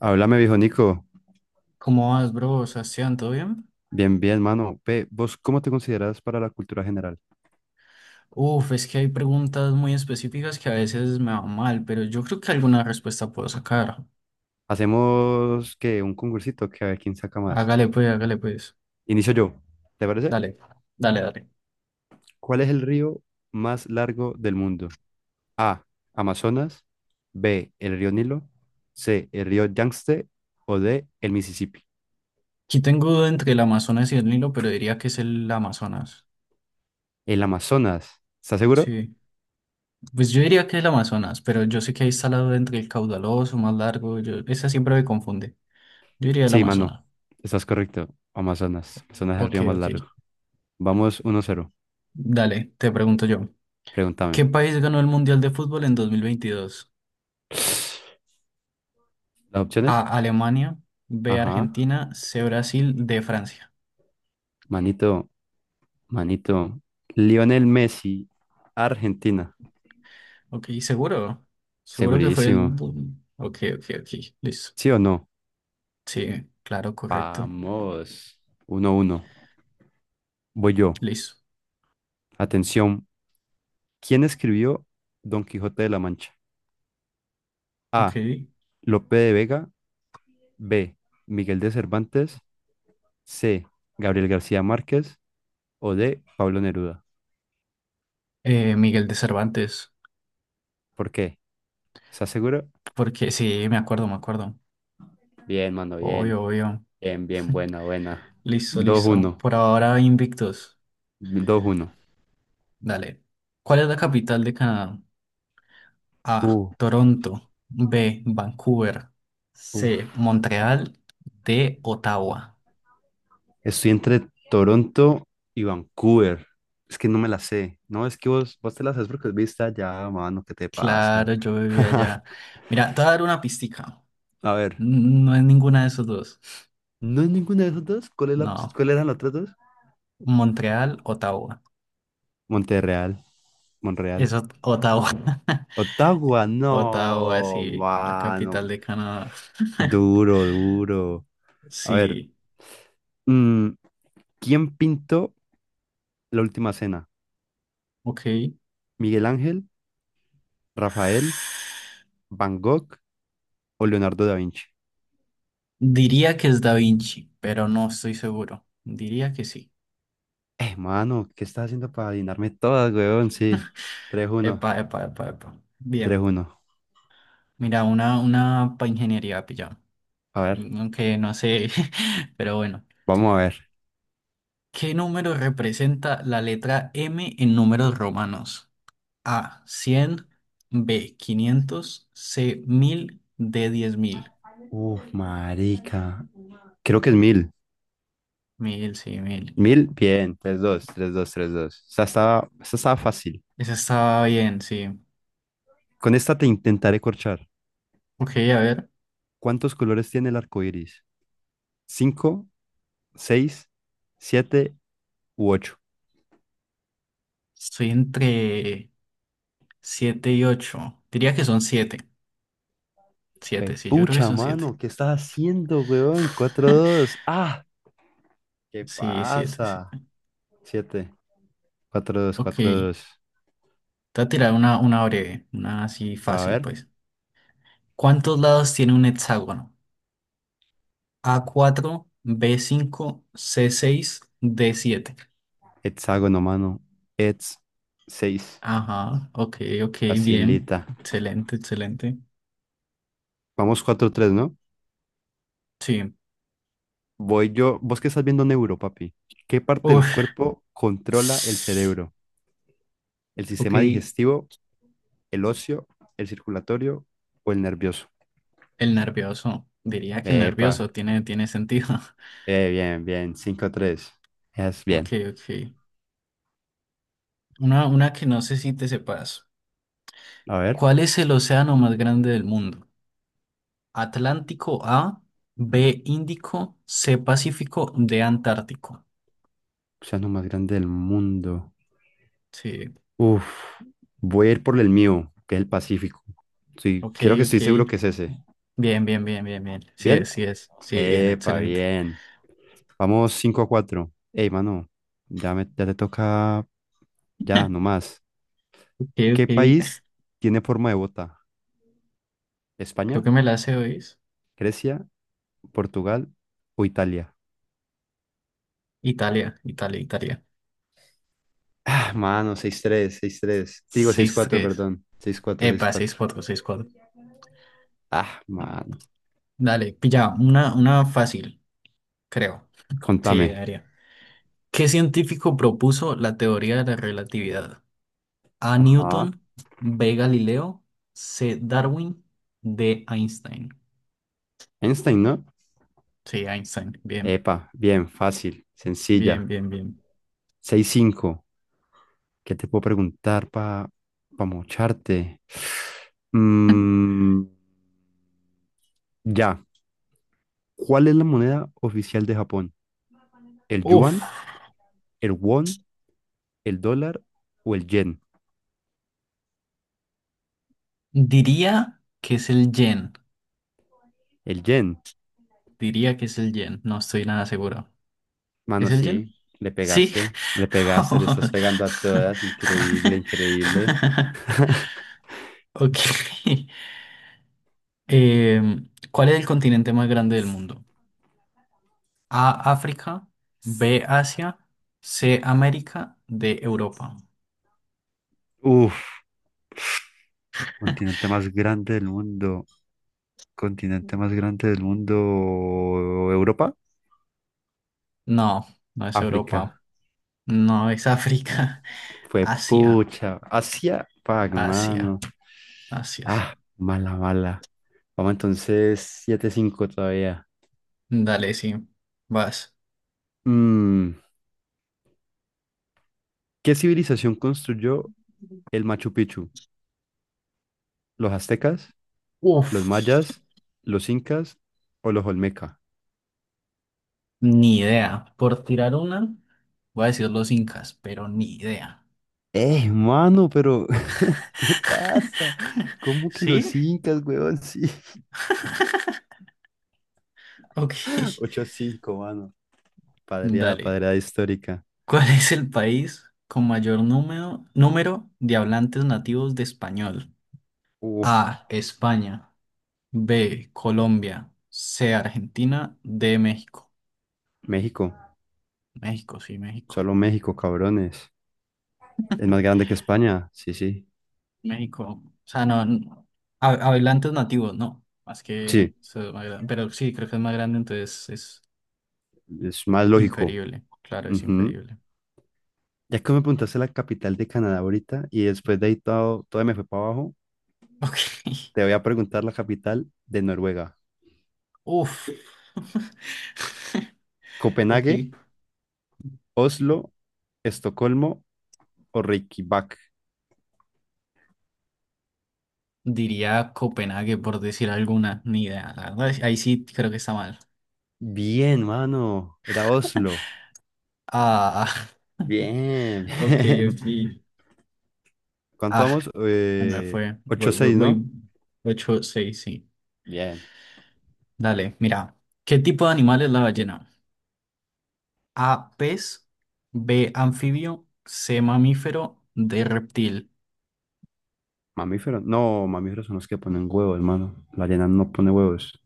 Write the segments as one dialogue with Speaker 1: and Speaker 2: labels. Speaker 1: Háblame, viejo Nico.
Speaker 2: ¿Cómo vas, bro? Sebastián, ¿todo bien?
Speaker 1: Bien, bien, mano. Ve, ¿vos cómo te consideras para la cultura general?
Speaker 2: Es que hay preguntas muy específicas que a veces me van mal, pero yo creo que alguna respuesta puedo sacar.
Speaker 1: Hacemos que un concursito, que a ver quién saca más.
Speaker 2: Hágale pues, hágale pues.
Speaker 1: Inicio yo. ¿Te parece?
Speaker 2: Dale, dale, dale.
Speaker 1: ¿Cuál es el río más largo del mundo? A. Amazonas. B. El río Nilo. C. El río Yangtze. O D. El Mississippi.
Speaker 2: Aquí tengo duda entre el Amazonas y el Nilo, pero diría que es el Amazonas.
Speaker 1: El Amazonas. ¿Estás seguro?
Speaker 2: Sí, pues yo diría que es el Amazonas, pero yo sé que ahí está la duda entre el caudaloso, más largo. Yo, esa siempre me confunde. Yo diría el
Speaker 1: Sí, mano.
Speaker 2: Amazonas.
Speaker 1: Estás correcto. Amazonas. Amazonas es el
Speaker 2: Ok,
Speaker 1: río más
Speaker 2: ok.
Speaker 1: largo. Vamos uno cero.
Speaker 2: Dale, te pregunto yo.
Speaker 1: Pregúntame.
Speaker 2: ¿Qué país ganó el Mundial de Fútbol en 2022?
Speaker 1: ¿Las
Speaker 2: A,
Speaker 1: opciones?
Speaker 2: Alemania. B,
Speaker 1: Ajá.
Speaker 2: Argentina. C, Brasil. D, Francia.
Speaker 1: Manito, manito. Lionel Messi, Argentina.
Speaker 2: Ok, seguro. Seguro que fue
Speaker 1: Segurísimo.
Speaker 2: ok, ok, ok. Listo.
Speaker 1: ¿Sí o no?
Speaker 2: Sí, claro, correcto.
Speaker 1: Vamos uno uno. Voy yo.
Speaker 2: Listo.
Speaker 1: Atención. ¿Quién escribió Don Quijote de la Mancha? A.
Speaker 2: Ok.
Speaker 1: Lope de Vega. B. Miguel de Cervantes. C. Gabriel García Márquez. O D. Pablo Neruda.
Speaker 2: Miguel de Cervantes.
Speaker 1: ¿Por qué? ¿Estás seguro?
Speaker 2: Porque sí, me acuerdo, me acuerdo.
Speaker 1: Bien, mano, bien.
Speaker 2: Obvio, obvio.
Speaker 1: Bien, bien, buena, buena.
Speaker 2: Listo,
Speaker 1: Dos
Speaker 2: listo.
Speaker 1: uno,
Speaker 2: Por ahora invictos.
Speaker 1: dos uno.
Speaker 2: Dale. ¿Cuál es la capital de Canadá? A,
Speaker 1: Uh,
Speaker 2: Toronto. B, Vancouver. C,
Speaker 1: uf.
Speaker 2: Montreal. D, Ottawa.
Speaker 1: Estoy entre Toronto y Vancouver. Es que no me la sé. No, es que vos te la sabes porque viste allá, mano, ¿qué te pasa?
Speaker 2: Claro, yo vivía allá. Mira, te voy a dar una pistica.
Speaker 1: A ver,
Speaker 2: No es ninguna de esos dos.
Speaker 1: ¿no es ninguna de esas dos? ¿Cuál es la,
Speaker 2: No.
Speaker 1: cuál eran las otras dos?
Speaker 2: Montreal, Ottawa.
Speaker 1: Monterreal, Monreal.
Speaker 2: Eso, Ottawa.
Speaker 1: Ottawa,
Speaker 2: Ottawa,
Speaker 1: no,
Speaker 2: sí, la
Speaker 1: mano.
Speaker 2: capital de Canadá.
Speaker 1: Duro, duro. A ver,
Speaker 2: Sí,
Speaker 1: mm, ¿quién pintó La Última Cena?
Speaker 2: ok.
Speaker 1: ¿Miguel Ángel, Rafael, Van Gogh o Leonardo da Vinci?
Speaker 2: Diría que es Da Vinci, pero no estoy seguro. Diría que sí.
Speaker 1: Mano, ¿qué estás haciendo para adivinarme todas, weón? Sí. Tres uno,
Speaker 2: Epa, epa, epa, epa.
Speaker 1: tres
Speaker 2: Bien.
Speaker 1: uno.
Speaker 2: Mira, una para ingeniería, pillado.
Speaker 1: A ver,
Speaker 2: Aunque no sé, pero bueno.
Speaker 1: vamos a ver.
Speaker 2: ¿Qué número representa la letra M en números romanos? A, 100. B, 500. C, 1000. D, 10,000.
Speaker 1: Uf, marica. Creo que es mil.
Speaker 2: 1000, sí, 1000.
Speaker 1: Mil, bien. Tres dos, tres dos, tres dos. Esta estaba fácil.
Speaker 2: Esa estaba bien, sí.
Speaker 1: Con esta te intentaré corchar.
Speaker 2: Ok, a ver,
Speaker 1: ¿Cuántos colores tiene el arco iris? ¿Cinco, seis, siete u ocho?
Speaker 2: estoy entre 7 y ocho. Diría que son siete. Siete, sí, yo creo que
Speaker 1: Pucha,
Speaker 2: son siete.
Speaker 1: mano, ¿qué estás haciendo, weón? Cuatro dos. Ah, ¿qué
Speaker 2: Sí, siete, 7.
Speaker 1: pasa? Siete, cuatro dos,
Speaker 2: Ok,
Speaker 1: cuatro
Speaker 2: te
Speaker 1: dos.
Speaker 2: voy a tirar una breve, una así
Speaker 1: A
Speaker 2: fácil,
Speaker 1: ver.
Speaker 2: pues. ¿Cuántos lados tiene un hexágono? A, cuatro. B, cinco. C, seis. D, siete.
Speaker 1: Hexágono, mano. Hex seis.
Speaker 2: Ajá, ok, ok, bien.
Speaker 1: Facilita.
Speaker 2: Excelente, excelente.
Speaker 1: Vamos cuatro tres, ¿no?
Speaker 2: Sí.
Speaker 1: Voy yo. ¿Vos qué estás viendo neuro, papi? ¿Qué parte del
Speaker 2: Uf.
Speaker 1: cuerpo controla el cerebro? ¿El
Speaker 2: Ok,
Speaker 1: sistema
Speaker 2: el
Speaker 1: digestivo, el óseo, el circulatorio o el nervioso?
Speaker 2: nervioso. Diría que el
Speaker 1: Epa.
Speaker 2: nervioso tiene sentido.
Speaker 1: Bien, bien. Cinco tres. Es
Speaker 2: Ok,
Speaker 1: bien.
Speaker 2: ok. Una que no sé si te sepas.
Speaker 1: A ver.
Speaker 2: ¿Cuál es el océano más grande del mundo? Atlántico. A, B, Índico. C, Pacífico. D, Antártico.
Speaker 1: Océano más grande del mundo.
Speaker 2: Sí,
Speaker 1: Uf. Voy a ir por el mío, que es el Pacífico. Sí,
Speaker 2: ok,
Speaker 1: creo que
Speaker 2: ok.
Speaker 1: estoy seguro que es ese.
Speaker 2: Bien, bien, bien, bien, bien. Sí
Speaker 1: ¿Bien?
Speaker 2: es, sí es. Sí, bien,
Speaker 1: Epa,
Speaker 2: excelente.
Speaker 1: bien. Vamos 5 a cuatro. Ey, mano, ya, ya te toca, ya, nomás.
Speaker 2: Ok,
Speaker 1: ¿Qué país
Speaker 2: ok.
Speaker 1: tiene forma de bota?
Speaker 2: Creo
Speaker 1: ¿España,
Speaker 2: que me la sé, hoy.
Speaker 1: Grecia, Portugal o Italia?
Speaker 2: Italia, Italia, Italia.
Speaker 1: Ah, mano, seis tres, seis tres. Digo seis
Speaker 2: Seis
Speaker 1: cuatro,
Speaker 2: tres,
Speaker 1: perdón. Seis cuatro, seis
Speaker 2: epa, seis
Speaker 1: cuatro.
Speaker 2: cuatro, 6-4.
Speaker 1: Ah, mano.
Speaker 2: Dale, pilla, una fácil, creo. Sí,
Speaker 1: Contame.
Speaker 2: debería. ¿Qué científico propuso la teoría de la relatividad? A,
Speaker 1: Ajá.
Speaker 2: Newton. B, Galileo. C, Darwin. D, Einstein.
Speaker 1: Einstein, ¿no?
Speaker 2: Sí, Einstein. Bien,
Speaker 1: Epa, bien, fácil,
Speaker 2: bien,
Speaker 1: sencilla.
Speaker 2: bien, bien.
Speaker 1: Seis cinco. ¿Qué te puedo preguntar para mocharte? Mm, ya. ¿Cuál es la moneda oficial de Japón? ¿El
Speaker 2: Uf,
Speaker 1: yuan, el won, el dólar o el yen?
Speaker 2: diría que es el yen.
Speaker 1: El yen.
Speaker 2: Diría que es el yen. No estoy nada seguro. ¿Es
Speaker 1: Mano,
Speaker 2: el lleno?
Speaker 1: sí, le
Speaker 2: Sí.
Speaker 1: pegaste, le pegaste, le estás pegando a todas. Increíble, increíble.
Speaker 2: Ok. ¿Cuál es el continente más grande del mundo? A, África. B, Asia. C, América. D, Europa.
Speaker 1: Uf, continente más grande del mundo. Continente más grande del mundo. ¿Europa?
Speaker 2: No, no es Europa.
Speaker 1: África.
Speaker 2: No, es África.
Speaker 1: Fue
Speaker 2: Asia,
Speaker 1: pucha. Asia. Fuck, mano.
Speaker 2: Asia, Asia,
Speaker 1: Ah,
Speaker 2: sí.
Speaker 1: mala, mala. Vamos entonces 7 cinco todavía.
Speaker 2: Dale, sí. Vas.
Speaker 1: Mm, ¿Qué civilización construyó el Machu Picchu? ¿Los aztecas, los
Speaker 2: Uf,
Speaker 1: mayas, los incas o los olmeca?
Speaker 2: ni idea. Por tirar una, voy a decir los incas, pero ni idea.
Speaker 1: Mano, pero ¿qué pasa? ¿Cómo que
Speaker 2: ¿Sí?
Speaker 1: los incas, weón? Sí.
Speaker 2: Ok.
Speaker 1: Ocho a cinco, mano. Padreada,
Speaker 2: Dale.
Speaker 1: padreada histórica.
Speaker 2: ¿Cuál es el país con mayor número de hablantes nativos de español?
Speaker 1: Uf,
Speaker 2: A, España. B, Colombia. C, Argentina. D, México.
Speaker 1: México,
Speaker 2: México, sí, México.
Speaker 1: solo México, cabrones. Es más grande que España, sí, sí.
Speaker 2: México. O sea, no. No. Hablantes nativos, no. Más que,
Speaker 1: Sí,
Speaker 2: eso es más grande. Pero sí, creo que es más grande, entonces es
Speaker 1: es más lógico.
Speaker 2: inferible. Claro, es
Speaker 1: Ujú.
Speaker 2: inferible.
Speaker 1: Ya que me preguntaste la capital de Canadá ahorita y después de ahí todo, todo me fue para abajo,
Speaker 2: Ok.
Speaker 1: te voy a preguntar la capital de Noruega.
Speaker 2: Uf.
Speaker 1: Copenhague,
Speaker 2: Ok.
Speaker 1: Oslo, Estocolmo o Reykjavik.
Speaker 2: Diría Copenhague por decir alguna, ni idea, la verdad. Ahí sí creo que está mal.
Speaker 1: Bien, mano. Era Oslo.
Speaker 2: Ah,
Speaker 1: Bien,
Speaker 2: ok, ok.
Speaker 1: bien. ¿Cuánto
Speaker 2: Ah,
Speaker 1: vamos?
Speaker 2: se me fue. Voy, voy,
Speaker 1: 8-6,
Speaker 2: voy.
Speaker 1: ¿no?
Speaker 2: 8-6, sí.
Speaker 1: Bien.
Speaker 2: Dale, mira. ¿Qué tipo de animal es la ballena? A, pez. B, anfibio. C, mamífero. D, reptil.
Speaker 1: Mamíferos. No, mamíferos son los que ponen huevos, hermano. La arena no pone huevos.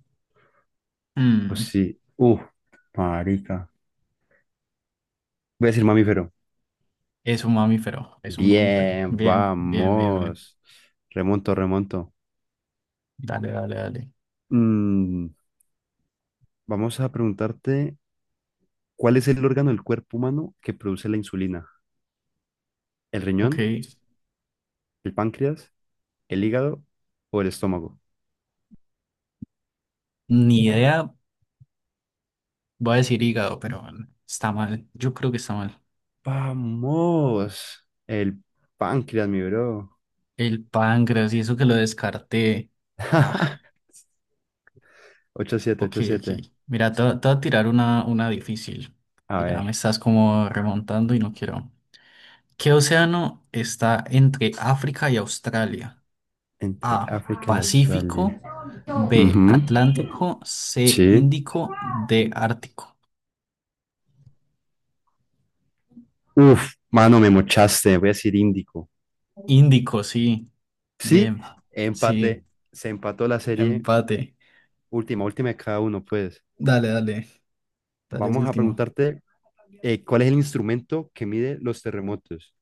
Speaker 1: O
Speaker 2: Mm,
Speaker 1: sí. Marica. Voy a decir mamífero.
Speaker 2: es un mamífero, es un mamífero.
Speaker 1: Bien,
Speaker 2: Bien, bien, bien, bien.
Speaker 1: vamos. Remonto, remonto.
Speaker 2: Dale, dale, dale.
Speaker 1: Mm, vamos a preguntarte, ¿cuál es el órgano del cuerpo humano que produce la insulina? ¿El
Speaker 2: Ok.
Speaker 1: riñón, el páncreas, el hígado o el estómago?
Speaker 2: Ni idea, voy a decir hígado, pero está mal. Yo creo que está mal.
Speaker 1: Vamos, el páncreas, mi bro.
Speaker 2: El páncreas y eso que lo descarté. Ah,
Speaker 1: Ocho siete,
Speaker 2: ok,
Speaker 1: ocho
Speaker 2: ok.
Speaker 1: siete.
Speaker 2: Mira, te voy a tirar una difícil.
Speaker 1: A
Speaker 2: Que ya me
Speaker 1: ver,
Speaker 2: estás como remontando y no quiero. ¿Qué océano está entre África y Australia?
Speaker 1: entre
Speaker 2: A,
Speaker 1: África y
Speaker 2: Pacífico.
Speaker 1: Australia.
Speaker 2: B,
Speaker 1: Ujú.
Speaker 2: Atlántico. C,
Speaker 1: Sí.
Speaker 2: Índico. D, Ártico.
Speaker 1: Uf, mano, me mochaste, voy a decir Índico.
Speaker 2: Índico, sí.
Speaker 1: Sí,
Speaker 2: Bien. Sí.
Speaker 1: empate, se empató la serie
Speaker 2: Empate.
Speaker 1: última, última de cada uno, pues.
Speaker 2: Dale, dale. Dale,
Speaker 1: Vamos a
Speaker 2: último.
Speaker 1: preguntarte, ¿cuál es el instrumento que mide los terremotos?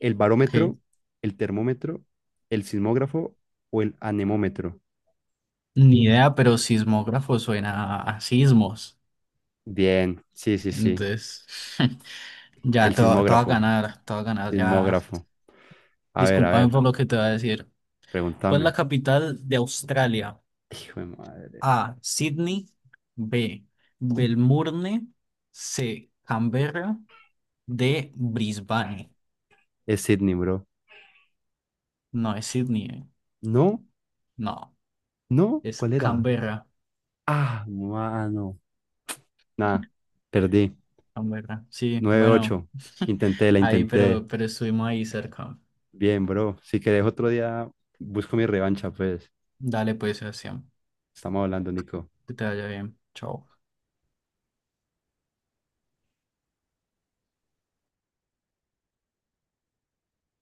Speaker 1: El
Speaker 2: Ok.
Speaker 1: barómetro, el termómetro, el sismógrafo o el anemómetro.
Speaker 2: Ni idea, pero sismógrafo suena a sismos.
Speaker 1: Bien, sí, sí, sí.
Speaker 2: Entonces, ya
Speaker 1: El
Speaker 2: te va a
Speaker 1: sismógrafo,
Speaker 2: ganar, te va a ganar, ya.
Speaker 1: sismógrafo. A
Speaker 2: Discúlpame
Speaker 1: ver,
Speaker 2: por lo que te voy a decir. ¿Cuál es la
Speaker 1: pregúntame.
Speaker 2: capital de Australia?
Speaker 1: Hijo de madre.
Speaker 2: A, Sydney. B, Melbourne. C, Canberra. D, Brisbane.
Speaker 1: Es Sydney, bro.
Speaker 2: No, es Sydney.
Speaker 1: No,
Speaker 2: No,
Speaker 1: no,
Speaker 2: es
Speaker 1: ¿cuál era?
Speaker 2: Canberra.
Speaker 1: Ah, mano. Nada, perdí.
Speaker 2: Canberra. Sí,
Speaker 1: Nueve
Speaker 2: bueno,
Speaker 1: ocho. Intenté, la
Speaker 2: ahí,
Speaker 1: intenté.
Speaker 2: pero estuvimos ahí cerca.
Speaker 1: Bien, bro. Si querés otro día, busco mi revancha, pues.
Speaker 2: Dale pues, Sebastián.
Speaker 1: Estamos hablando, Nico.
Speaker 2: Que te vaya bien. Chao.